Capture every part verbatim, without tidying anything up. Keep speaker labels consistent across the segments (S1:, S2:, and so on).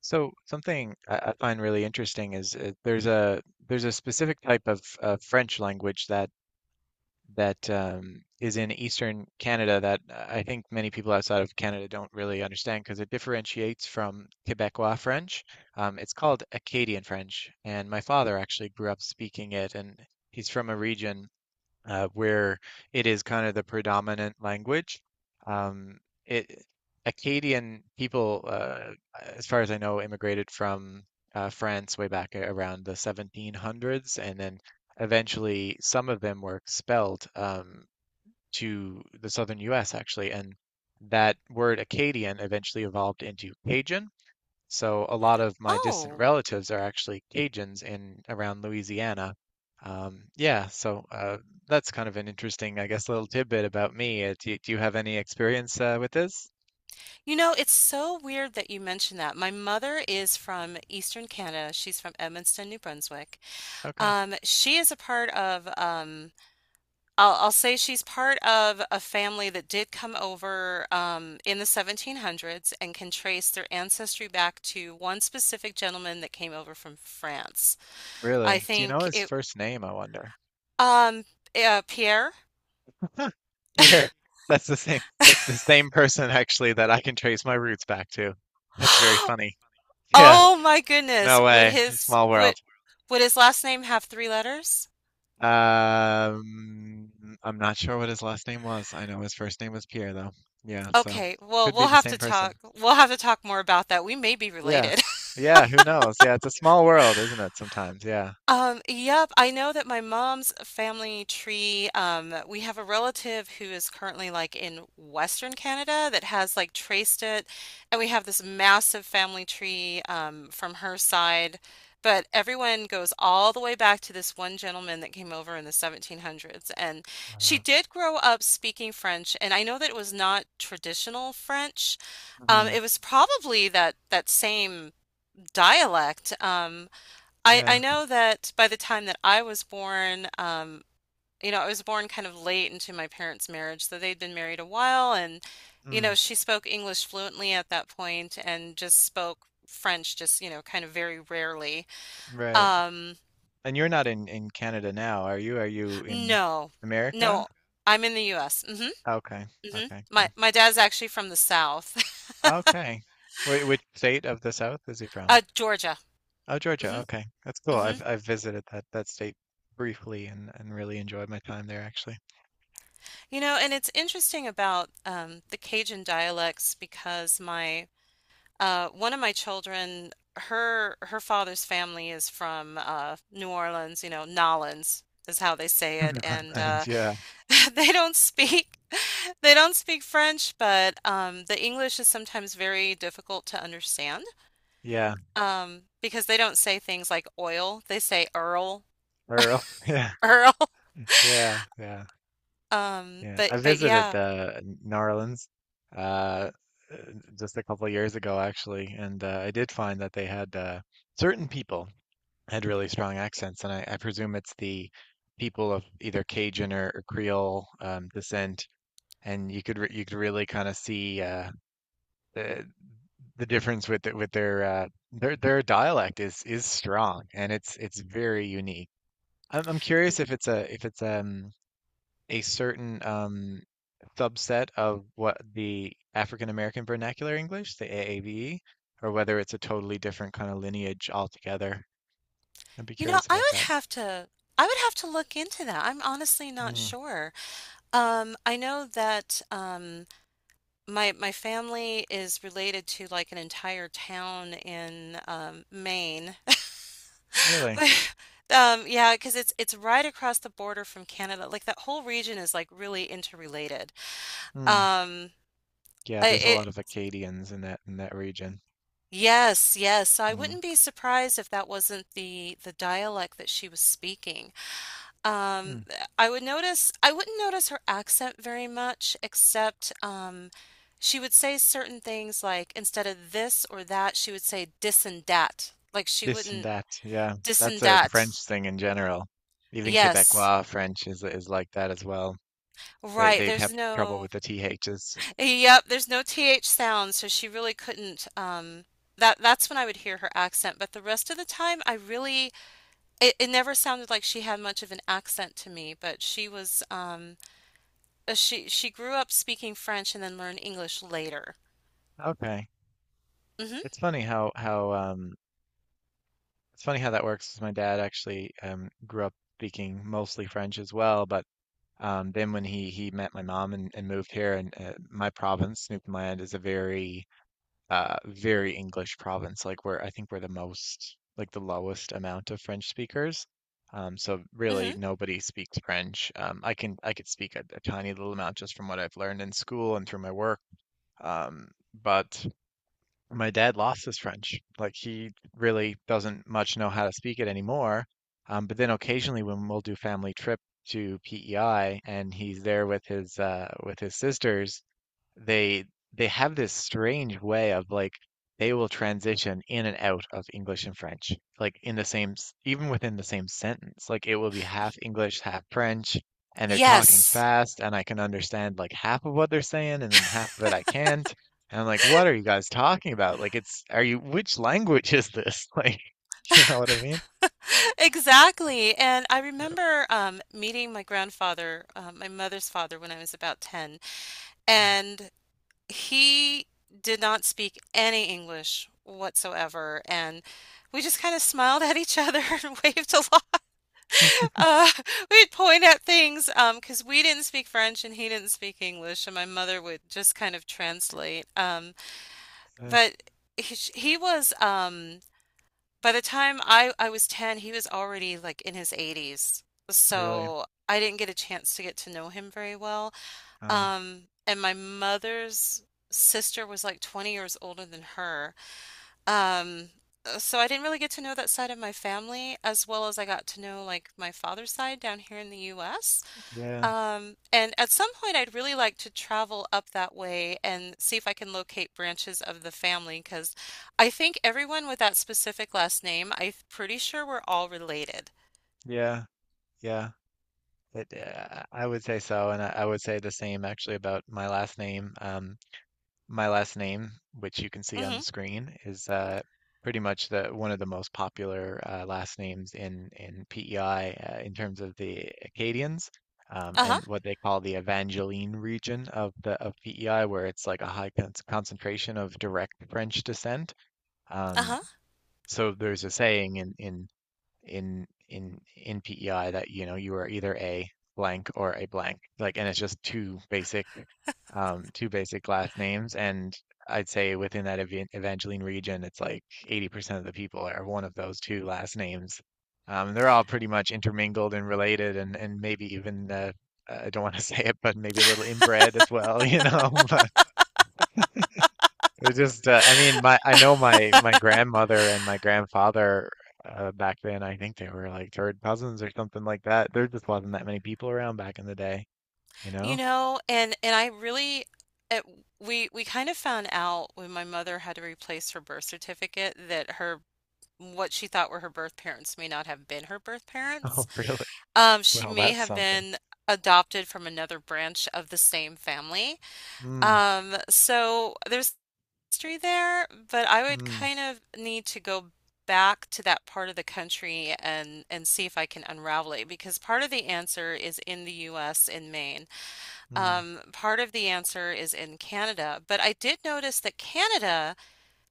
S1: So something I, I find really interesting is uh, there's a there's a specific type of uh, French language that that um, is in Eastern Canada that uh, I think many people outside of Canada don't really understand because it differentiates from Quebecois French. Um, it's called Acadian French, and my father actually grew up speaking it, and he's from a region uh, where it is kind of the predominant language. Um, it Acadian people, uh, as far as I know, immigrated from uh, France way back around the seventeen hundreds, and then eventually some of them were expelled um, to the southern U S actually, and that word Acadian eventually evolved into Cajun. So a lot of my distant
S2: Oh,
S1: relatives are actually Cajuns in around Louisiana. Um, yeah, so uh, that's kind of an interesting, I guess, little tidbit about me. Uh, do, do you have any experience uh, with this?
S2: you know, it's so weird that you mentioned that. My mother is from Eastern Canada. She's from Edmundston, New Brunswick.
S1: Okay,
S2: Um, she is a part of, um, I'll, I'll say she's part of a family that did come over um, in the seventeen hundreds and can trace their ancestry back to one specific gentleman that came over from France. I
S1: really? Do you know
S2: think
S1: his
S2: it,
S1: first name, I wonder?
S2: um, uh, Pierre.
S1: Huh? Here, that's the same. It's the same person actually that I can trace my roots back to. That's very funny. Yeah,
S2: Oh my goodness.
S1: no
S2: Would
S1: way.
S2: his,
S1: Small
S2: would,
S1: world.
S2: would his last name have three letters?
S1: Um, I'm not sure what his last name was. I know his first name was Pierre, though. Yeah, so
S2: Okay, well,
S1: could be
S2: we'll
S1: the
S2: have
S1: same
S2: to
S1: person.
S2: talk. We'll have to talk more about that. We may be
S1: Yeah.
S2: related.
S1: Yeah, who knows? Yeah, it's a small world, isn't it, sometimes? Yeah.
S2: Um, yep, I know that my mom's family tree, um, we have a relative who is currently like in Western Canada that has like traced it, and we have this massive family tree um, from her side, but everyone goes all the way back to this one gentleman that came over in the seventeen hundreds, and she did grow up speaking French, and I know that it was not traditional French. Um,
S1: Hmm.
S2: it was probably that that same dialect. Um, I I
S1: Yeah.
S2: know that by the time that I was born, um, you know, I was born kind of late into my parents' marriage, so they'd been married a while, and you
S1: Mm.
S2: know, she spoke English fluently at that point and just spoke French just, you know, kind of very rarely.
S1: Right.
S2: Um,
S1: And you're not in in Canada now, are you? Are you in
S2: no.
S1: America?
S2: No. I'm in the U S. Mhm.
S1: Okay.
S2: Mhm.
S1: Okay,
S2: My
S1: cool.
S2: my dad's actually from the South.
S1: Okay. Wh which state of the South is he from?
S2: Uh, Georgia.
S1: Oh, Georgia.
S2: Mhm.
S1: Okay. That's cool.
S2: Mhm.
S1: I've I've visited that that state briefly and and really enjoyed my time there actually.
S2: You know, and it's interesting about um the Cajun dialects because my Uh, one of my children, her her father's family is from uh, New Orleans, you know, Nolans is how they say it, and uh,
S1: And yeah,
S2: they don't speak they don't speak French, but um, the English is sometimes very difficult to understand
S1: yeah,
S2: um, because they don't say things like oil; they say Earl,
S1: Earl. Yeah,
S2: Earl.
S1: yeah, yeah,
S2: Um,
S1: yeah.
S2: but
S1: I
S2: but
S1: visited
S2: yeah.
S1: uh, New Orleans uh, uh, just a couple of years ago, actually, and uh, I did find that they had uh, certain people had really strong accents, and I, I presume it's the people of either Cajun or, or Creole um, descent, and you could re you could really kind of see uh, the, the difference with the, with their uh, their their dialect is is strong, and it's it's very unique. I'm I'm curious if it's a if it's um a certain um subset of what the African American Vernacular English, the A A V E, or whether it's a totally different kind of lineage altogether. I'd be
S2: You know,
S1: curious
S2: I
S1: about
S2: would
S1: that.
S2: have to I would have to look into that. I'm honestly not
S1: Mm,
S2: sure. Um, I know that um. My my family is related to like an entire town in um, Maine.
S1: really?
S2: Um, yeah, because it's it's right across the border from Canada. Like that whole region is like really interrelated.
S1: Mm.
S2: Um,
S1: Yeah,
S2: I-
S1: there's a
S2: it
S1: lot of Acadians in that in that region.
S2: Yes, yes. So I
S1: Mm.
S2: wouldn't be surprised if that wasn't the the dialect that she was speaking. Um,
S1: Mm.
S2: I would notice, I wouldn't notice her accent very much, except um, she would say certain things like instead of this or that, she would say dis and dat. Like she
S1: This and
S2: wouldn't
S1: that. Yeah,
S2: Dis and
S1: that's a French
S2: dat.
S1: thing in general. Even
S2: Yes,
S1: Quebecois French is is like that as well. They
S2: right.
S1: they
S2: There's
S1: have trouble
S2: no,
S1: with the T H's.
S2: Yep, there's no th sound, so she really couldn't. Um, that that's when I would hear her accent, but the rest of the time, I really, it, it never sounded like she had much of an accent to me. But she was, um, uh, she she grew up speaking French and then learned English later.
S1: Okay.
S2: Hmm.
S1: It's funny how how um It's funny how that works. My dad actually um, grew up speaking mostly French as well, but um, then when he he met my mom and, and moved here, and uh, my province, Newfoundland, is a very uh, very English province. Like we're I think we're the most like the lowest amount of French speakers. Um, so really
S2: Hmm.
S1: nobody speaks French. Um, I can I could speak a, a tiny little amount just from what I've learned in school and through my work. Um, but my dad lost his French. Like he really doesn't much know how to speak it anymore. Um, but then occasionally when we'll do family trip to P E I and he's there with his uh, with his sisters, they they have this strange way of like they will transition in and out of English and French, like in the same s- even within the same sentence. Like it will be half English, half French, and they're talking
S2: Yes.
S1: fast, and I can understand like half of what they're saying, and then half of it I can't. And I'm like, what are you guys talking about? Like it's are you which language is this? Like, you know what I mean?
S2: Exactly. And I
S1: Yeah.
S2: remember um, meeting my grandfather, uh, my mother's father, when I was about ten, and he did not speak any English whatsoever. And we just kind of smiled at each other and waved along.
S1: Mm.
S2: Uh, we'd point at things um, because we didn't speak French and he didn't speak English, and my mother would just kind of translate. Um,
S1: Yeah,
S2: but he, he was um, by the time I I was ten, he was already like in his eighties.
S1: really.
S2: So I didn't get a chance to get to know him very well.
S1: Uh,
S2: Um, and my mother's sister was like twenty years older than her. Um, uh, so I didn't really get to know that side of my family as well as I got to know like my father's side down here in the U S.
S1: yeah,
S2: Um, and at some point, I'd really like to travel up that way and see if I can locate branches of the family because I think everyone with that specific last name, I'm pretty sure we're all related.
S1: yeah, yeah. It, uh, I would say so, and I, I would say the same actually about my last name. Um, my last name, which you can see on
S2: Hmm.
S1: the screen, is uh, pretty much the one of the most popular uh, last names in in P E I uh, in terms of the Acadians um,
S2: Uh-huh.
S1: and what they call the Evangeline region of the of P E I, where it's like a high con concentration of direct French descent. Um,
S2: Uh-huh.
S1: so there's a saying in in in in in P E I that you know you are either a blank or a blank, like, and it's just two basic um two basic last names, and I'd say within that evan Evangeline region it's like eighty percent of the people are one of those two last names. Um they're all pretty much intermingled and related, and and maybe even uh, I don't want to say it, but maybe a little inbred as well, you know. They just, uh, I mean, my I know my my grandmother and my grandfather uh, back then. I think they were like third cousins or something like that. There just wasn't that many people around back in the day, you
S2: You
S1: know?
S2: know, and and I really it, we we kind of found out when my mother had to replace her birth certificate that her what she thought were her birth parents may not have been her birth parents.
S1: Oh, really?
S2: Um, she
S1: Well,
S2: may
S1: that's
S2: have
S1: something.
S2: been adopted from another branch of the same family.
S1: Mm,
S2: Um, so there's history there, but I would
S1: mm,
S2: kind of need to go back to that part of the country and and see if I can unravel it because part of the answer is in the U S in Maine.
S1: mm,
S2: Um, part of the answer is in Canada, but I did notice that Canada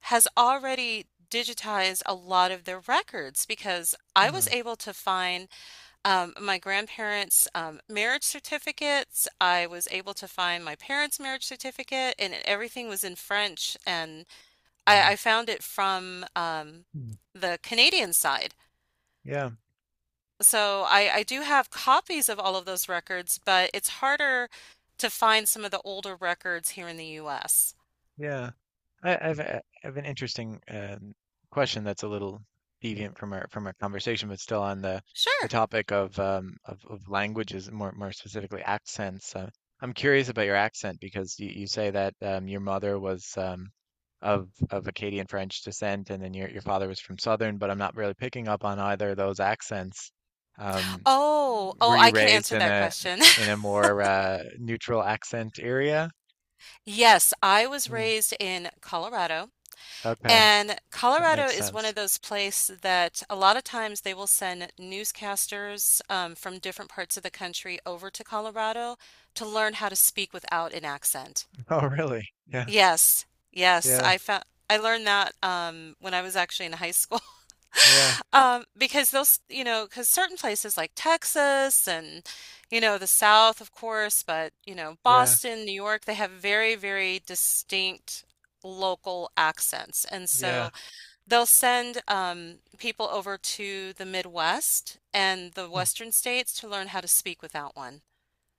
S2: has already digitized a lot of their records because I was
S1: mm,
S2: able to find um, my grandparents' um, marriage certificates. I was able to find my parents' marriage certificate, and everything was in French. And
S1: mm,
S2: I, I found it from um,
S1: mm.
S2: the Canadian side.
S1: Yeah.
S2: So I, I do have copies of all of those records, but it's harder to find some of the older records here in the U S.
S1: Yeah. I, I've uh, I have an interesting um, question that's a little deviant from our from our conversation, but still on the the
S2: Sure.
S1: topic of um, of, of languages, more more specifically accents. Uh, I'm curious about your accent because you, you say that um, your mother was um, of of Acadian French descent, and then your your father was from Southern. But I'm not really picking up on either of those accents. Um,
S2: Oh,
S1: were
S2: oh,
S1: you
S2: I can
S1: raised
S2: answer
S1: in
S2: that
S1: a
S2: question.
S1: in a more uh, neutral accent area?
S2: Yes, I was
S1: Hmm.
S2: raised in Colorado.
S1: Okay.
S2: And
S1: That
S2: Colorado
S1: makes
S2: is one of
S1: sense.
S2: those places that a lot of times they will send newscasters um, from different parts of the country over to Colorado to learn how to speak without an accent.
S1: Oh, really? Yeah,
S2: Yes, yes,
S1: yeah,
S2: I found I learned that um, when I was actually in high school
S1: yeah,
S2: um, because those you know because certain places like Texas and you know the South of course, but you know
S1: yeah,
S2: Boston, New York, they have very very distinct local accents, and
S1: yeah.
S2: so. They'll send um, people over to the Midwest and the
S1: Hmm.
S2: Western states to learn how to speak without one.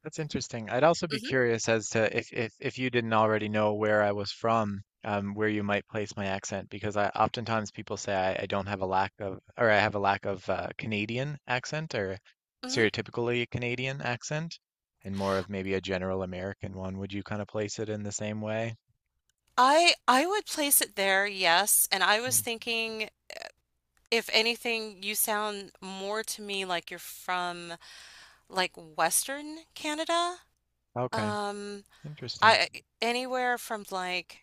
S1: That's interesting. I'd also be
S2: Mm-hmm,
S1: curious as to if if if you didn't already know where I was from, um, where you might place my accent, because I oftentimes people say I, I don't have a lack of, or I have a lack of uh, Canadian accent or
S2: mm-hmm.
S1: stereotypically Canadian accent, and more of maybe a general American one. Would you kind of place it in the same way?
S2: I I would place it there, yes. And I was
S1: Hmm.
S2: thinking, if anything, you sound more to me like you're from like Western Canada.
S1: Okay,
S2: Um,
S1: interesting.
S2: I anywhere from like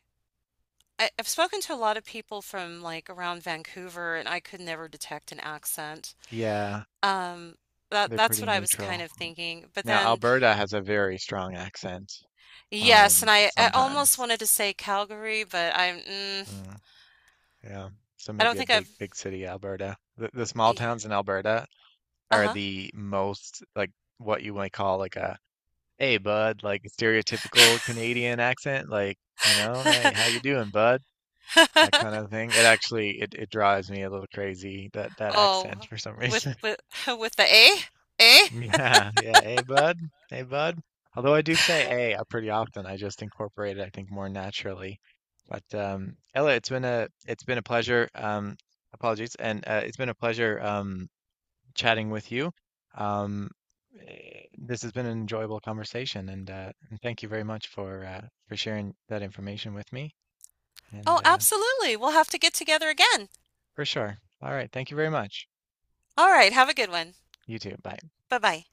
S2: I, I've spoken to a lot of people from like around Vancouver, and I could never detect an accent.
S1: Yeah,
S2: Um, that
S1: they're
S2: that's
S1: pretty
S2: what I was
S1: neutral.
S2: kind of thinking. But
S1: Now,
S2: then.
S1: Alberta has a very strong accent,
S2: Yes, and
S1: um,
S2: I, I almost
S1: sometimes.
S2: wanted to say Calgary, but I'm mm,
S1: Mm, yeah. So
S2: I don't
S1: maybe a
S2: think I've
S1: big, big city, Alberta. The, the small
S2: yeah.
S1: towns in Alberta are
S2: Uh-huh.
S1: the most like what you might call like a, hey, bud, like stereotypical Canadian accent, like, you know, hey, how you doing, bud? That kind of thing. It actually it, it drives me a little crazy that that accent
S2: Oh,
S1: for some
S2: with
S1: reason.
S2: with with the A? A?
S1: Yeah, yeah. Hey, bud. Hey, bud. Although I do say hey uh, pretty often, I just incorporate it, I think, more naturally. But um, Ella, it's been a it's been a pleasure. Um, apologies, and uh, it's been a pleasure um, chatting with you. Um, eh, this has been an enjoyable conversation, and, uh, and thank you very much for uh, for sharing that information with me. And
S2: Oh,
S1: uh,
S2: absolutely. We'll have to get together again.
S1: for sure. All right. Thank you very much.
S2: All right, have a good one.
S1: You too. Bye.
S2: Bye-bye.